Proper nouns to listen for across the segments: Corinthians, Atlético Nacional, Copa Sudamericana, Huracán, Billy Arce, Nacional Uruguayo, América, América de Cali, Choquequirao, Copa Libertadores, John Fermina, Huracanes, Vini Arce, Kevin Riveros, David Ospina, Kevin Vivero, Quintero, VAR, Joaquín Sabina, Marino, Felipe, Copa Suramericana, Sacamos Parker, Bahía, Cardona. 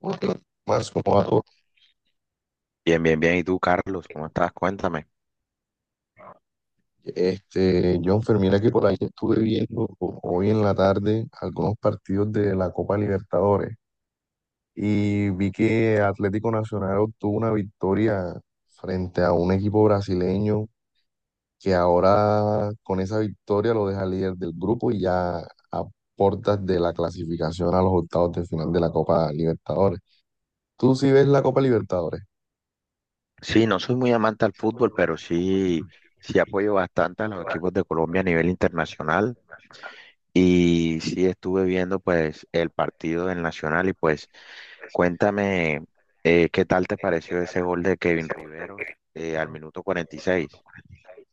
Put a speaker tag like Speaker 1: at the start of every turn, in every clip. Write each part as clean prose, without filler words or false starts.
Speaker 1: Otro más como dato,
Speaker 2: Bien, bien, bien. ¿Y tú, Carlos? ¿Cómo estás? Cuéntame.
Speaker 1: John Fermina, que por ahí estuve viendo hoy en la tarde algunos partidos de la Copa Libertadores y vi que Atlético Nacional obtuvo una victoria frente a un equipo brasileño que ahora con esa victoria lo deja líder del grupo y ya a puertas de la clasificación a los octavos de final de la Copa Libertadores. ¿Tú sí ves la Copa Libertadores?
Speaker 2: Sí, no soy muy amante al fútbol, pero sí, sí apoyo bastante a los equipos de Colombia a nivel internacional. Y sí estuve viendo pues el partido del Nacional y pues cuéntame qué tal te pareció ese gol de Kevin
Speaker 1: Ese gol del
Speaker 2: Riveros al
Speaker 1: primero,
Speaker 2: minuto
Speaker 1: el
Speaker 2: cuarenta y
Speaker 1: gol del minuto
Speaker 2: seis.
Speaker 1: 46.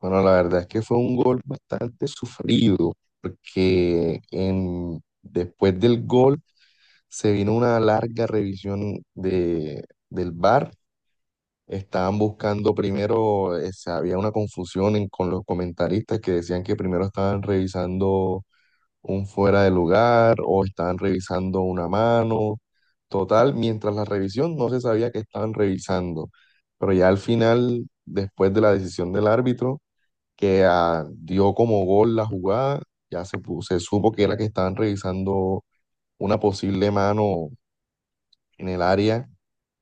Speaker 1: Bueno, la verdad es que fue un gol bastante sufrido, porque en, después del gol se vino una larga revisión del VAR. Estaban buscando primero, había una confusión con los comentaristas que decían que primero estaban revisando un fuera de lugar o estaban revisando una mano. Total, mientras la revisión no se sabía que estaban revisando, pero ya al final, después de la decisión del árbitro, que dio como gol la jugada, se supo que era que estaban revisando una posible mano en el área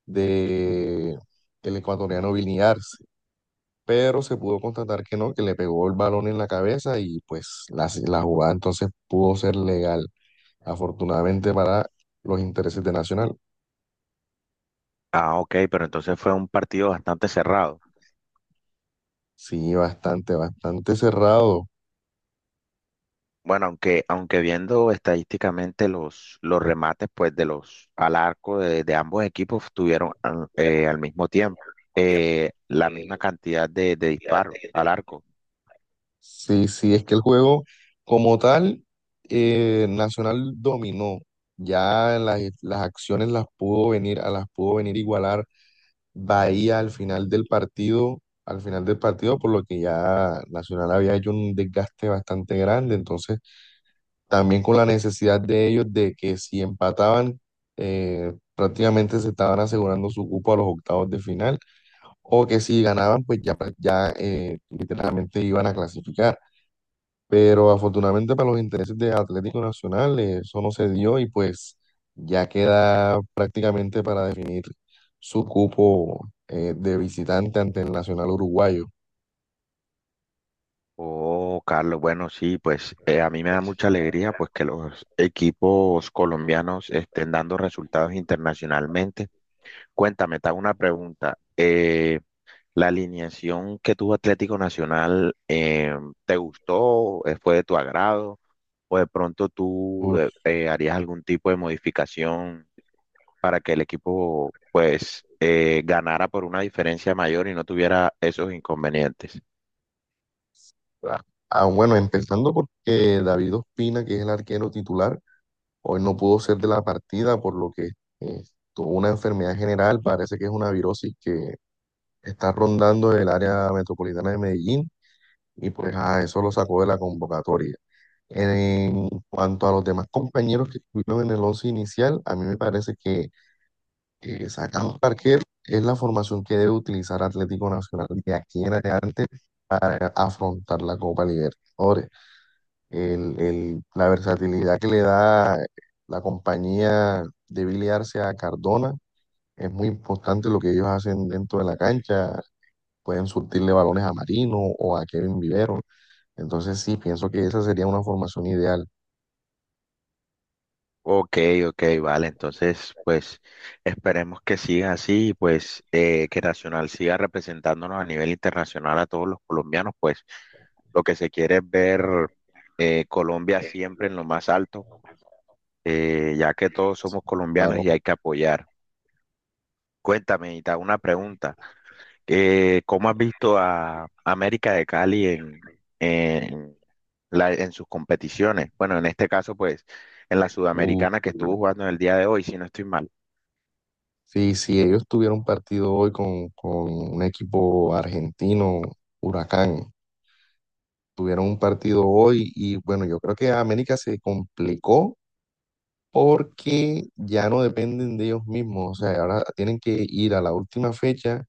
Speaker 1: de el ecuatoriano Vini Arce, pero se pudo constatar que no, que le pegó el balón en la cabeza y pues la jugada entonces pudo ser legal. Afortunadamente para los intereses de Nacional.
Speaker 2: Ah, ok, pero entonces fue un partido bastante cerrado.
Speaker 1: Sí, bastante, bastante cerrado.
Speaker 2: Bueno, aunque viendo estadísticamente los remates pues de los al arco de ambos equipos tuvieron al mismo tiempo la misma cantidad de disparos al arco.
Speaker 1: Sí, sí, es que el juego como tal, Nacional dominó. Ya las acciones a las pudo venir igualar Bahía al final del partido, al final del partido, por lo que ya Nacional había hecho un desgaste bastante grande. Entonces, también con la necesidad de ellos de que si empataban, prácticamente se estaban asegurando su cupo a los octavos de final, o que si ganaban, pues ya, literalmente iban a clasificar. Pero afortunadamente para los intereses de Atlético Nacional eso no se dio y pues ya queda prácticamente para definir su cupo de visitante ante el Nacional Uruguayo.
Speaker 2: Oh, Carlos, bueno, sí, pues a mí me da mucha alegría pues que los equipos colombianos estén dando resultados internacionalmente. Cuéntame, te hago una pregunta. La alineación que tuvo Atlético Nacional, ¿te gustó? ¿Fue de tu agrado? ¿O de pronto tú
Speaker 1: Uf,
Speaker 2: harías algún tipo de modificación para que el equipo pues ganara por una diferencia mayor y no tuviera esos inconvenientes?
Speaker 1: ah, bueno, empezando porque David Ospina, que es el arquero titular, hoy no pudo ser de la partida por lo que eh, tuvo una enfermedad general, parece que es una virosis que está rondando el área metropolitana de Medellín y pues a eso lo sacó de la convocatoria. En cuanto a los demás compañeros que estuvieron en el once inicial, a mí me parece que Sacamos Parker es la formación que debe utilizar Atlético Nacional de aquí en adelante para afrontar la Copa Libertadores. La versatilidad que le da la compañía de Billy Arce a Cardona es muy importante lo que ellos hacen dentro de la cancha. Pueden surtirle balones a Marino o a Kevin Vivero. Entonces sí, pienso que esa sería una formación ideal.
Speaker 2: Ok, ok, vale. Entonces, pues esperemos que siga así y pues que Nacional siga representándonos a nivel internacional a todos los colombianos. Pues lo que se quiere es ver Colombia siempre en lo más alto, ya que todos somos colombianos y
Speaker 1: Claro.
Speaker 2: hay que apoyar. Cuéntame, Ita, una pregunta. ¿Cómo has visto a América de Cali en, en sus competiciones? Bueno, en este caso, pues en la
Speaker 1: Uh,
Speaker 2: Sudamericana que estuvo jugando en el día de hoy, si no estoy mal.
Speaker 1: sí, si ellos tuvieran un partido hoy con un equipo argentino, Huracán, tuvieron un partido hoy y bueno, yo creo que América se complicó porque ya no dependen de ellos mismos. O sea, ahora tienen que ir a la última fecha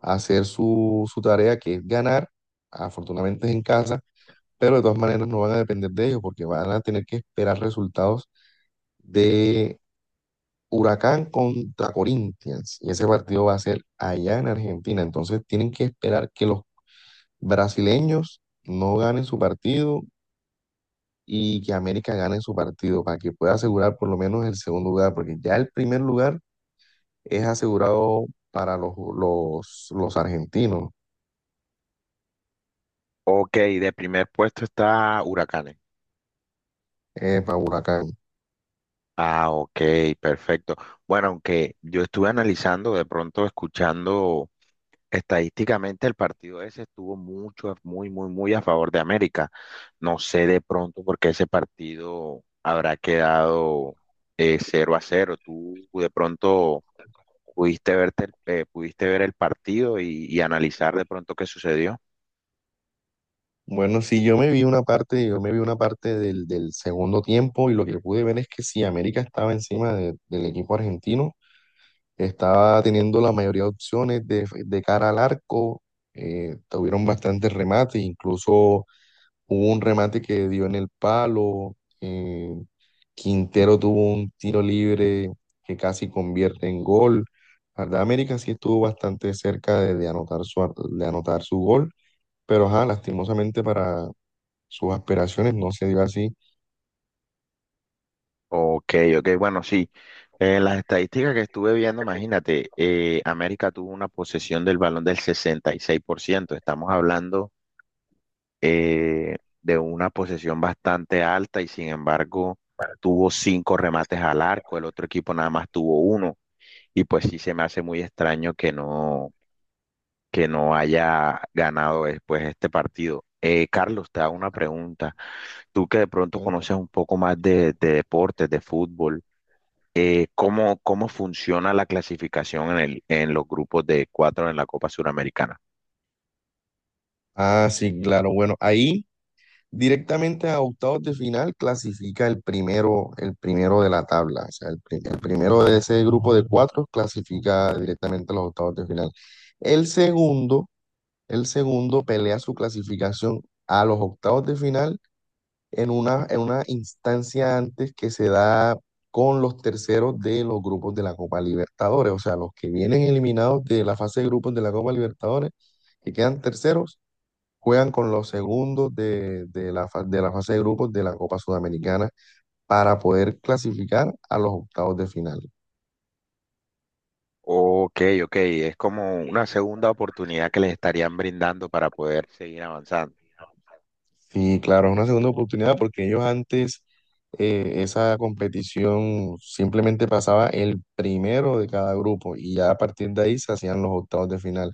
Speaker 1: a hacer su tarea, que es ganar. Afortunadamente es en casa, pero de todas maneras no van a depender de ellos porque van a tener que esperar resultados de Huracán contra Corinthians y ese partido va a ser allá en Argentina. Entonces tienen que esperar que los brasileños no ganen su partido y que América gane su partido para que pueda asegurar por lo menos el segundo lugar, porque ya el primer lugar es asegurado para los argentinos,
Speaker 2: Ok, de primer puesto está Huracanes.
Speaker 1: para Huracán.
Speaker 2: Ah, ok, perfecto. Bueno, aunque yo estuve analizando, de pronto escuchando estadísticamente el partido ese estuvo mucho, muy, muy, muy a favor de América. No sé de pronto por qué ese partido habrá quedado 0-0. Tú de pronto pudiste verte, pudiste ver el partido y analizar de pronto qué sucedió.
Speaker 1: Bueno, sí, yo me vi una parte, yo me vi una parte del segundo tiempo y lo que pude ver es que sí, América estaba encima del equipo argentino. Estaba teniendo la mayoría de opciones de cara al arco. Tuvieron bastantes remates, incluso hubo un remate que dio en el palo. eh, Quintero tuvo un tiro libre que casi convierte en gol. La verdad, América sí estuvo bastante cerca de anotar de anotar su gol, pero ajá, lastimosamente para sus aspiraciones no se dio así.
Speaker 2: Ok, ok, bueno, sí. En las estadísticas que estuve viendo, imagínate, América tuvo una posesión del balón del 66%. Estamos hablando de una posesión bastante alta y sin embargo tuvo cinco remates al arco, el otro equipo nada más tuvo uno. Y pues sí se me hace muy extraño que no haya ganado después este partido. Carlos, te hago una pregunta. Tú que de pronto
Speaker 1: Cuenta.
Speaker 2: conoces un poco más de deportes, de fútbol ¿cómo funciona la clasificación en los grupos de cuatro en la Copa Suramericana?
Speaker 1: Ah, sí, claro. Bueno, ahí, directamente a octavos de final clasifica el primero de la tabla, o sea, el primero de ese grupo de cuatro clasifica directamente a los octavos de final. El segundo, el segundo pelea su clasificación a los octavos de final en una instancia antes que se da con los terceros de los grupos de la Copa Libertadores, o sea, los que vienen eliminados de la fase de grupos de la Copa Libertadores, que quedan terceros juegan con los segundos de de la fase de grupos de la Copa Sudamericana para poder clasificar a los octavos de final.
Speaker 2: Ok, ok, es como una segunda oportunidad que les estarían brindando para poder seguir avanzando.
Speaker 1: Sí, claro, es una segunda oportunidad porque ellos antes esa competición simplemente pasaba el primero de cada grupo y ya a partir de ahí se hacían los octavos de final.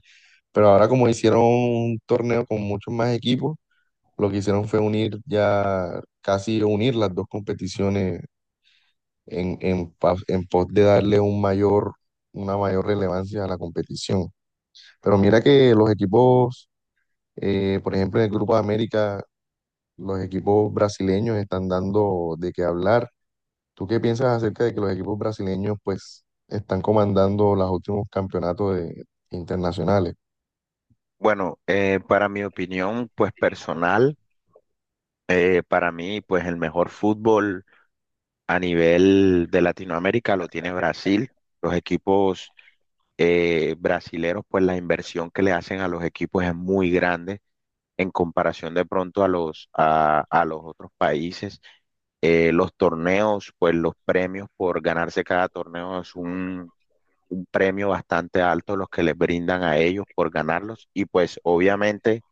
Speaker 1: Pero ahora como hicieron un torneo con muchos más equipos, lo que hicieron fue unir ya, casi unir las dos competiciones en pos de darle un mayor, una mayor relevancia a la competición. Pero mira que los equipos, por ejemplo, en el Grupo de América, los equipos brasileños están dando de qué hablar. ¿Tú qué piensas acerca de que los equipos brasileños pues están comandando los últimos campeonatos internacionales?
Speaker 2: Bueno, para mi opinión, pues personal, para mí, pues el mejor fútbol a nivel de Latinoamérica lo tiene Brasil. Los equipos brasileros, pues la inversión que le hacen a los equipos es muy grande en comparación de pronto a los otros países. Los torneos, pues los premios por ganarse cada torneo es un premio bastante alto los que les brindan a ellos por ganarlos y pues obviamente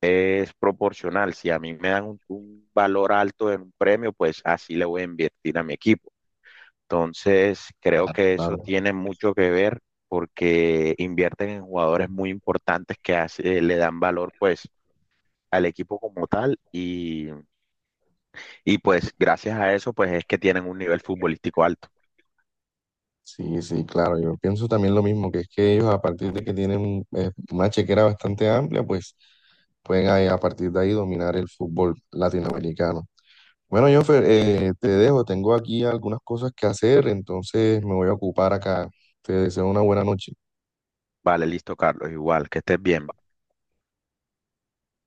Speaker 2: es proporcional. Si a mí me dan un valor alto en un premio, pues así le voy a invertir a mi equipo. Entonces, creo
Speaker 1: Claro,
Speaker 2: que eso
Speaker 1: claro.
Speaker 2: tiene mucho que ver porque invierten en jugadores muy importantes que le dan valor pues al equipo como tal y pues gracias a eso pues es que tienen un nivel futbolístico alto.
Speaker 1: Sí, sí, claro, yo pienso también lo mismo, que es que ellos a partir de que tienen una chequera bastante amplia, pues pueden a partir de ahí dominar el fútbol latinoamericano. Bueno, Jonfer, te dejo, tengo aquí algunas cosas que hacer, entonces me voy a ocupar acá. Te deseo una buena noche.
Speaker 2: Vale, listo, Carlos, igual, que estés bien.